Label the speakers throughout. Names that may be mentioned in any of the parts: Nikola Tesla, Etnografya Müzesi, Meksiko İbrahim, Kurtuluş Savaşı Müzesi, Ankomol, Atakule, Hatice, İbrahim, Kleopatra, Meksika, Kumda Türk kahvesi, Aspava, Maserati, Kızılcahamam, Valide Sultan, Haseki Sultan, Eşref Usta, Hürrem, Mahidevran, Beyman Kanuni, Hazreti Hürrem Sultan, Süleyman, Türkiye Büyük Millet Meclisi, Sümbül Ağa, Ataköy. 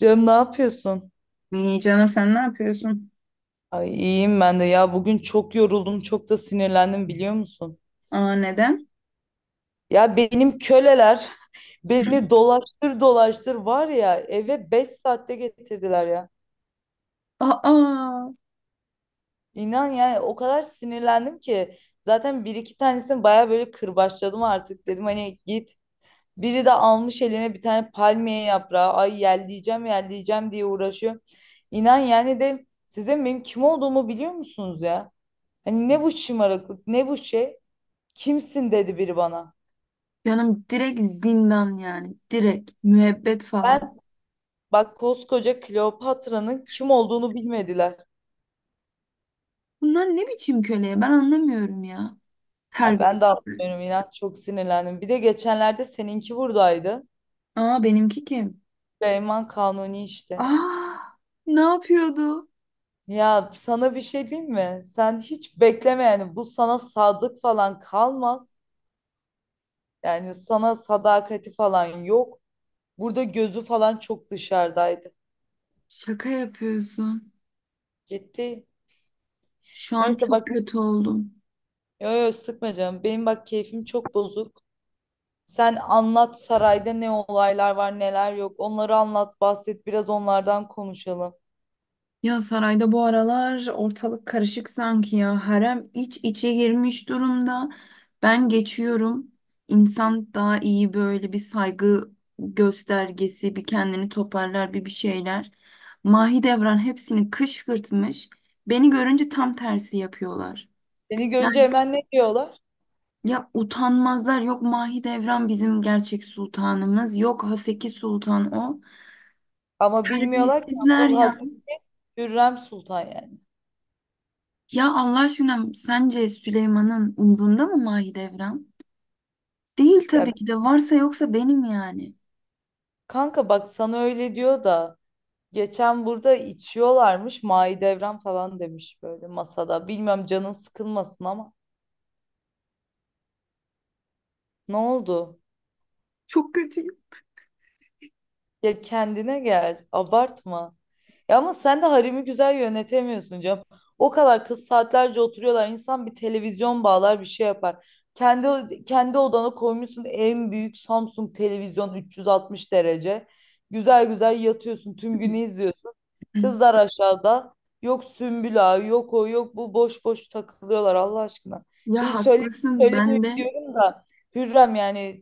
Speaker 1: Canım ne yapıyorsun?
Speaker 2: İyi canım, sen ne yapıyorsun?
Speaker 1: Ay iyiyim ben de ya bugün çok yoruldum çok da sinirlendim biliyor musun?
Speaker 2: Aa, neden?
Speaker 1: Ya benim köleler beni dolaştır dolaştır var ya eve 5 saatte getirdiler ya.
Speaker 2: Aa
Speaker 1: İnan yani o kadar sinirlendim ki zaten bir iki tanesini baya böyle kırbaçladım artık dedim hani git. Biri de almış eline bir tane palmiye yaprağı ay yelleyeceğim yelleyeceğim diye uğraşıyor. İnan yani de sizin benim kim olduğumu biliyor musunuz ya? Hani ne bu şımarıklık, ne bu şey? Kimsin dedi biri bana.
Speaker 2: canım, direkt zindan yani. Direkt müebbet falan.
Speaker 1: Ben Bak koskoca Kleopatra'nın kim olduğunu bilmediler.
Speaker 2: Bunlar ne biçim köleye ben anlamıyorum ya.
Speaker 1: Ya
Speaker 2: Terbiye.
Speaker 1: ben de anlamıyorum inan çok sinirlendim. Bir de geçenlerde seninki buradaydı.
Speaker 2: Aa, benimki kim?
Speaker 1: Beyman Kanuni işte.
Speaker 2: Aa, ne yapıyordu?
Speaker 1: Ya sana bir şey diyeyim mi? Sen hiç bekleme yani bu sana sadık falan kalmaz. Yani sana sadakati falan yok. Burada gözü falan çok dışarıdaydı.
Speaker 2: Şaka yapıyorsun.
Speaker 1: Ciddi.
Speaker 2: Şu an
Speaker 1: Neyse
Speaker 2: çok
Speaker 1: bak,
Speaker 2: kötü oldum.
Speaker 1: yo yo, sıkma canım. Benim bak keyfim çok bozuk. Sen anlat sarayda ne olaylar var neler yok. Onları anlat bahset biraz onlardan konuşalım.
Speaker 2: Ya sarayda bu aralar ortalık karışık sanki ya. Harem iç içe girmiş durumda. Ben geçiyorum. İnsan daha iyi böyle bir saygı göstergesi, bir kendini toparlar, bir şeyler. Mahidevran hepsini kışkırtmış. Beni görünce tam tersi yapıyorlar.
Speaker 1: Seni görünce
Speaker 2: Yani
Speaker 1: hemen ne diyorlar?
Speaker 2: ya, utanmazlar. Yok, Mahidevran bizim gerçek sultanımız. Yok, Haseki Sultan o.
Speaker 1: Ama bilmiyorlar ki
Speaker 2: Terbiyesizler
Speaker 1: asıl
Speaker 2: ya.
Speaker 1: Hazreti Hürrem Sultan yani.
Speaker 2: Ya Allah aşkına, sence Süleyman'ın umrunda mı Mahidevran? Değil
Speaker 1: Ya
Speaker 2: tabii ki de, varsa yoksa benim yani.
Speaker 1: kanka bak sana öyle diyor da geçen burada içiyorlarmış Mahidevran falan demiş böyle masada. Bilmiyorum canın sıkılmasın ama ne oldu?
Speaker 2: Çok kötüyüm.
Speaker 1: Ya kendine gel. Abartma. Ya ama sen de haremi güzel yönetemiyorsun canım. O kadar kız saatlerce oturuyorlar. İnsan bir televizyon bağlar bir şey yapar. Kendi odana koymuşsun en büyük Samsung televizyon 360 derece. Güzel güzel yatıyorsun. Tüm günü izliyorsun. Kızlar aşağıda. Yok Sümbül Ağa, yok o, yok bu. Boş boş takılıyorlar Allah aşkına.
Speaker 2: Ya
Speaker 1: Şimdi söyle,
Speaker 2: haklısın ben
Speaker 1: söylemiyorum
Speaker 2: de.
Speaker 1: diyorum da, Hürrem yani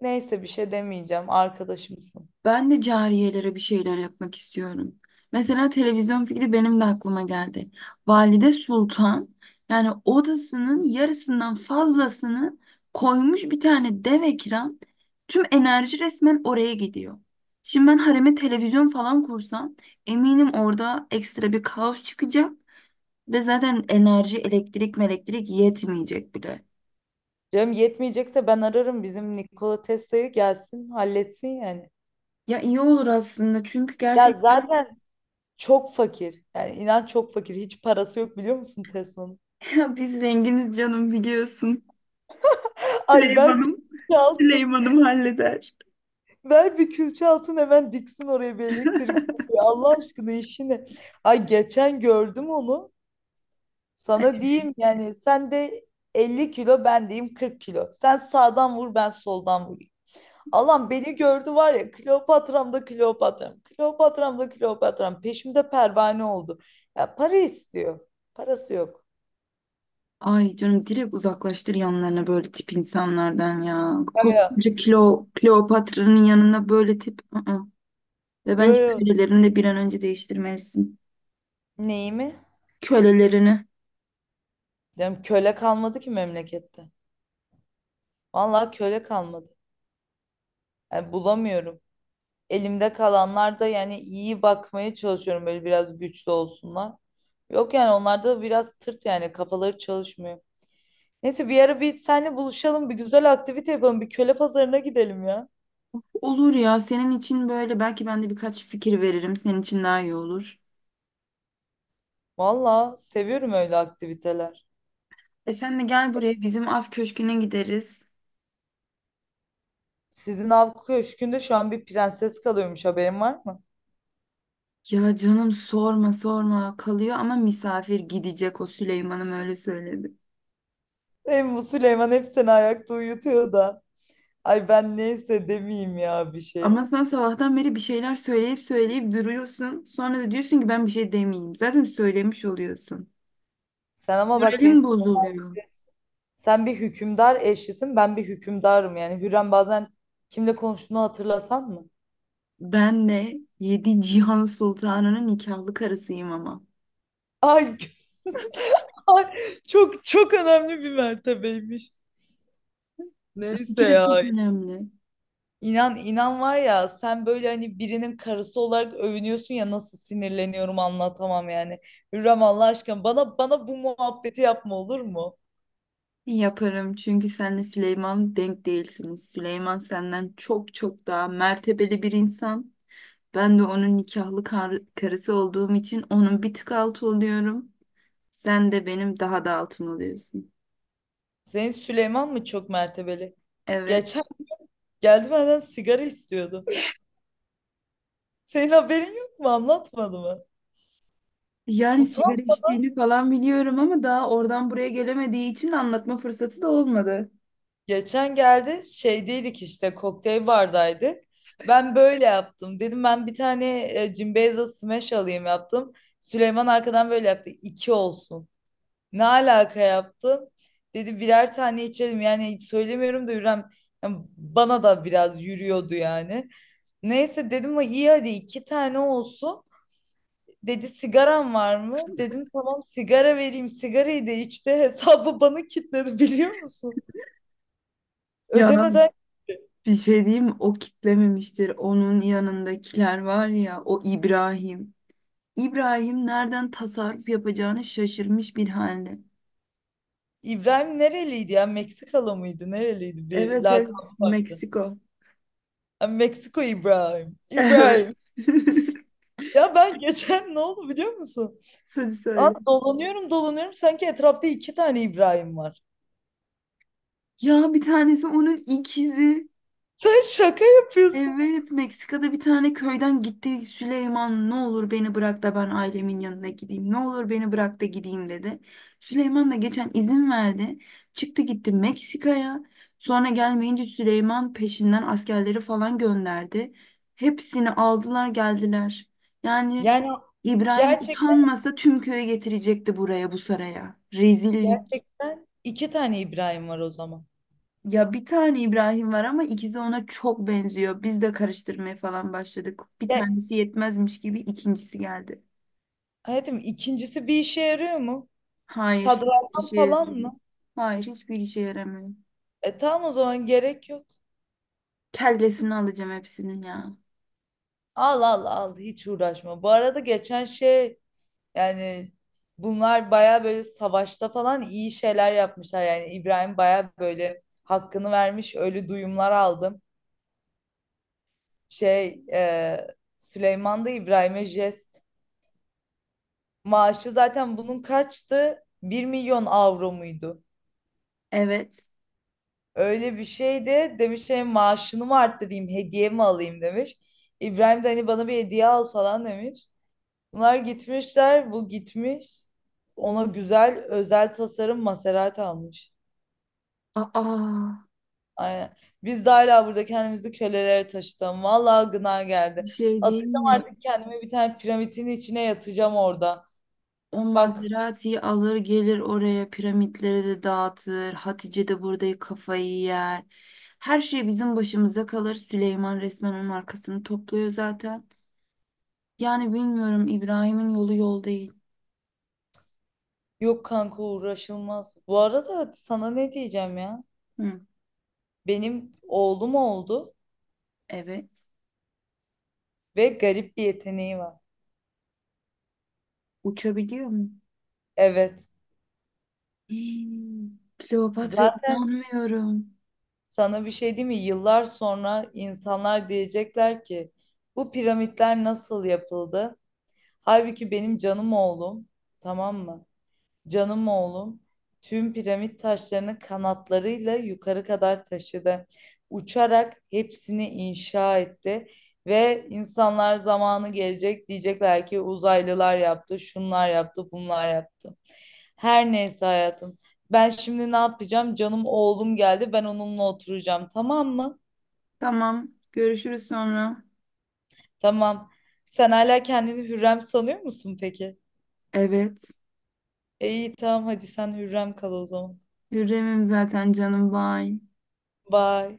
Speaker 1: neyse bir şey demeyeceğim. Arkadaşımsın.
Speaker 2: Ben de cariyelere bir şeyler yapmak istiyorum. Mesela televizyon fikri benim de aklıma geldi. Valide Sultan yani odasının yarısından fazlasını koymuş bir tane dev ekran. Tüm enerji resmen oraya gidiyor. Şimdi ben hareme televizyon falan kursam eminim orada ekstra bir kaos çıkacak ve zaten enerji, elektrik yetmeyecek bile.
Speaker 1: Canım yetmeyecekse ben ararım bizim Nikola Tesla'yı gelsin halletsin yani.
Speaker 2: Ya iyi olur aslında çünkü
Speaker 1: Ya
Speaker 2: gerçekten
Speaker 1: zaten çok fakir. Yani inan çok fakir. Hiç parası yok biliyor musun Tesla'nın?
Speaker 2: ya biz zenginiz canım, biliyorsun.
Speaker 1: Ay ver bir
Speaker 2: Süleyman'ım,
Speaker 1: külçe altın.
Speaker 2: Süleyman'ım halleder.
Speaker 1: Ver bir külçe altın hemen diksin oraya bir elektrik direği. Allah aşkına işi ne? Ay geçen gördüm onu. Sana diyeyim yani sen de 50 kilo ben diyeyim 40 kilo. Sen sağdan vur ben soldan vur. Allah'ım beni gördü var ya Kleopatram da Kleopatram. Kleopatram da Kleopatram. Peşimde pervane oldu. Ya para istiyor. Parası yok.
Speaker 2: Ay canım, direkt uzaklaştır yanlarına böyle tip insanlardan ya.
Speaker 1: Ya ya.
Speaker 2: Koskoca kilo, Kleopatra'nın yanına böyle tip. Ve
Speaker 1: Yo
Speaker 2: bence
Speaker 1: yo.
Speaker 2: kölelerini de bir an önce değiştirmelisin.
Speaker 1: Neyi mi?
Speaker 2: Kölelerini.
Speaker 1: Diyorum köle kalmadı ki memlekette. Vallahi köle kalmadı. Yani bulamıyorum. Elimde kalanlar da yani iyi bakmaya çalışıyorum böyle biraz güçlü olsunlar. Yok yani onlar da biraz tırt yani kafaları çalışmıyor. Neyse bir ara biz seninle buluşalım bir güzel aktivite yapalım bir köle pazarına gidelim ya.
Speaker 2: Olur ya, senin için böyle belki ben de birkaç fikir veririm. Senin için daha iyi olur.
Speaker 1: Valla seviyorum öyle aktiviteler.
Speaker 2: E sen de gel buraya, bizim af köşküne gideriz.
Speaker 1: Sizin av köşkünde şu an bir prenses kalıyormuş haberin var mı?
Speaker 2: Ya canım, sorma sorma, kalıyor ama misafir, gidecek o. Süleyman'ım öyle söyledi.
Speaker 1: Hem bu Süleyman hep seni ayakta uyutuyor da. Ay ben neyse demeyeyim ya bir şey.
Speaker 2: Ama sen sabahtan beri bir şeyler söyleyip söyleyip duruyorsun. Sonra da diyorsun ki ben bir şey demeyeyim. Zaten söylemiş oluyorsun.
Speaker 1: Sen ama bak
Speaker 2: Moralim bozuluyor.
Speaker 1: sen bir hükümdar eşlisin ben bir hükümdarım yani. Hürrem bazen kimle konuştuğunu hatırlasan mı?
Speaker 2: Ben de yedi Cihan Sultanı'nın nikahlı karısıyım ama.
Speaker 1: Ay, ay, çok çok önemli bir mertebeymiş. Neyse
Speaker 2: İki de
Speaker 1: ya,
Speaker 2: çok önemli.
Speaker 1: İnan inan var ya sen böyle hani birinin karısı olarak övünüyorsun ya nasıl sinirleniyorum anlatamam yani. Hürrem Allah aşkına bana bu muhabbeti yapma olur mu?
Speaker 2: Yaparım, çünkü senle Süleyman denk değilsiniz. Süleyman senden çok çok daha mertebeli bir insan. Ben de onun nikahlı karısı olduğum için onun bir tık altı oluyorum. Sen de benim daha da altım oluyorsun.
Speaker 1: Senin Süleyman mı çok mertebeli?
Speaker 2: Evet.
Speaker 1: Geçen geldi benden sigara istiyordu. Senin haberin yok mu? Anlatmadı mı?
Speaker 2: Yani
Speaker 1: Utan.
Speaker 2: sigara içtiğini falan biliyorum ama daha oradan buraya gelemediği için anlatma fırsatı da olmadı.
Speaker 1: Geçen geldi şeydeydik işte kokteyl bardaydık. Ben böyle yaptım. Dedim ben bir tane Cimbeyza Smash alayım yaptım. Süleyman arkadan böyle yaptı. İki olsun. Ne alaka yaptın? Dedi birer tane içelim. Yani hiç söylemiyorum da Hürrem yani bana da biraz yürüyordu yani. Neyse dedim ama iyi hadi iki tane olsun. Dedi sigaran var mı? Dedim tamam sigara vereyim. Sigarayı da içti. Hesabı bana kilitledi biliyor musun?
Speaker 2: Ya
Speaker 1: Ödemeden.
Speaker 2: bir şey diyeyim, o kitlememiştir. Onun yanındakiler var ya, o İbrahim. İbrahim nereden tasarruf yapacağını şaşırmış bir halde.
Speaker 1: İbrahim nereliydi ya? Meksikalı mıydı? Nereliydi bir
Speaker 2: Evet evet,
Speaker 1: lakabı var.
Speaker 2: Meksiko.
Speaker 1: Ha, Meksiko İbrahim.
Speaker 2: Evet.
Speaker 1: İbrahim. Ya ben geçen ne oldu biliyor musun?
Speaker 2: Hadi
Speaker 1: Aa,
Speaker 2: söyle.
Speaker 1: dolanıyorum dolanıyorum sanki etrafta iki tane İbrahim var.
Speaker 2: Ya bir tanesi onun ikizi.
Speaker 1: Sen şaka yapıyorsun.
Speaker 2: Evet, Meksika'da bir tane köyden gitti. Süleyman, ne olur beni bırak da ben ailemin yanına gideyim, ne olur beni bırak da gideyim dedi. Süleyman da geçen izin verdi. Çıktı gitti Meksika'ya. Sonra gelmeyince Süleyman peşinden askerleri falan gönderdi. Hepsini aldılar geldiler. Yani
Speaker 1: Yani
Speaker 2: İbrahim
Speaker 1: gerçekten
Speaker 2: utanmasa tüm köyü getirecekti buraya bu saraya. Rezillik.
Speaker 1: gerçekten iki tane İbrahim var o zaman.
Speaker 2: Ya bir tane İbrahim var ama ikisi ona çok benziyor. Biz de karıştırmaya falan başladık. Bir
Speaker 1: Ya,
Speaker 2: tanesi yetmezmiş gibi ikincisi geldi.
Speaker 1: hayatım, ikincisi bir işe yarıyor mu?
Speaker 2: Hayır, hiçbir
Speaker 1: Sadrazam
Speaker 2: işe
Speaker 1: falan
Speaker 2: yaramıyor.
Speaker 1: mı?
Speaker 2: Hayır, hiçbir işe yaramıyor.
Speaker 1: E tamam o zaman gerek yok.
Speaker 2: Kellesini alacağım hepsinin ya.
Speaker 1: Al al al, hiç uğraşma. Bu arada geçen şey, yani bunlar baya böyle savaşta falan iyi şeyler yapmışlar. Yani İbrahim baya böyle hakkını vermiş öyle duyumlar aldım. Şey Süleyman'da İbrahim'e jest. Maaşı zaten bunun kaçtı? 1.000.000 avro muydu?
Speaker 2: Evet.
Speaker 1: Öyle bir şeydi. Demiş şey maaşını mı arttırayım, hediye mi alayım demiş. İbrahim de hani bana bir hediye al falan demiş. Bunlar gitmişler, bu gitmiş. Ona güzel özel tasarım Maserati almış.
Speaker 2: Aa,
Speaker 1: Aynen. Biz de hala burada kendimizi kölelere taşıtalım. Vallahi gına
Speaker 2: bir
Speaker 1: geldi.
Speaker 2: şey diyeyim
Speaker 1: Atacağım
Speaker 2: mi?
Speaker 1: artık kendimi bir tane piramitin içine yatacağım orada.
Speaker 2: O
Speaker 1: Bak.
Speaker 2: Maserati'yi alır gelir oraya, piramitlere de dağıtır. Hatice de burada kafayı yer. Her şey bizim başımıza kalır. Süleyman resmen onun arkasını topluyor zaten. Yani bilmiyorum, İbrahim'in yolu yol değil.
Speaker 1: Yok kanka uğraşılmaz. Bu arada sana ne diyeceğim ya?
Speaker 2: Hı,
Speaker 1: Benim oğlum oldu
Speaker 2: evet.
Speaker 1: ve garip bir yeteneği var.
Speaker 2: Uçabiliyor mu?
Speaker 1: Evet.
Speaker 2: Hmm, Kleopatra
Speaker 1: Zaten
Speaker 2: inanmıyorum.
Speaker 1: sana bir şey diyeyim mi? Yıllar sonra insanlar diyecekler ki bu piramitler nasıl yapıldı? Halbuki benim canım oğlum. Tamam mı? Canım oğlum tüm piramit taşlarını kanatlarıyla yukarı kadar taşıdı. Uçarak hepsini inşa etti ve insanlar zamanı gelecek diyecekler ki uzaylılar yaptı, şunlar yaptı, bunlar yaptı. Her neyse hayatım. Ben şimdi ne yapacağım? Canım oğlum geldi. Ben onunla oturacağım. Tamam mı?
Speaker 2: Tamam, görüşürüz sonra.
Speaker 1: Tamam. Sen hala kendini Hürrem sanıyor musun peki?
Speaker 2: Evet.
Speaker 1: E, İyi tamam hadi sen Hürrem kal o zaman.
Speaker 2: Hürrem'im zaten canım, bay.
Speaker 1: Bye.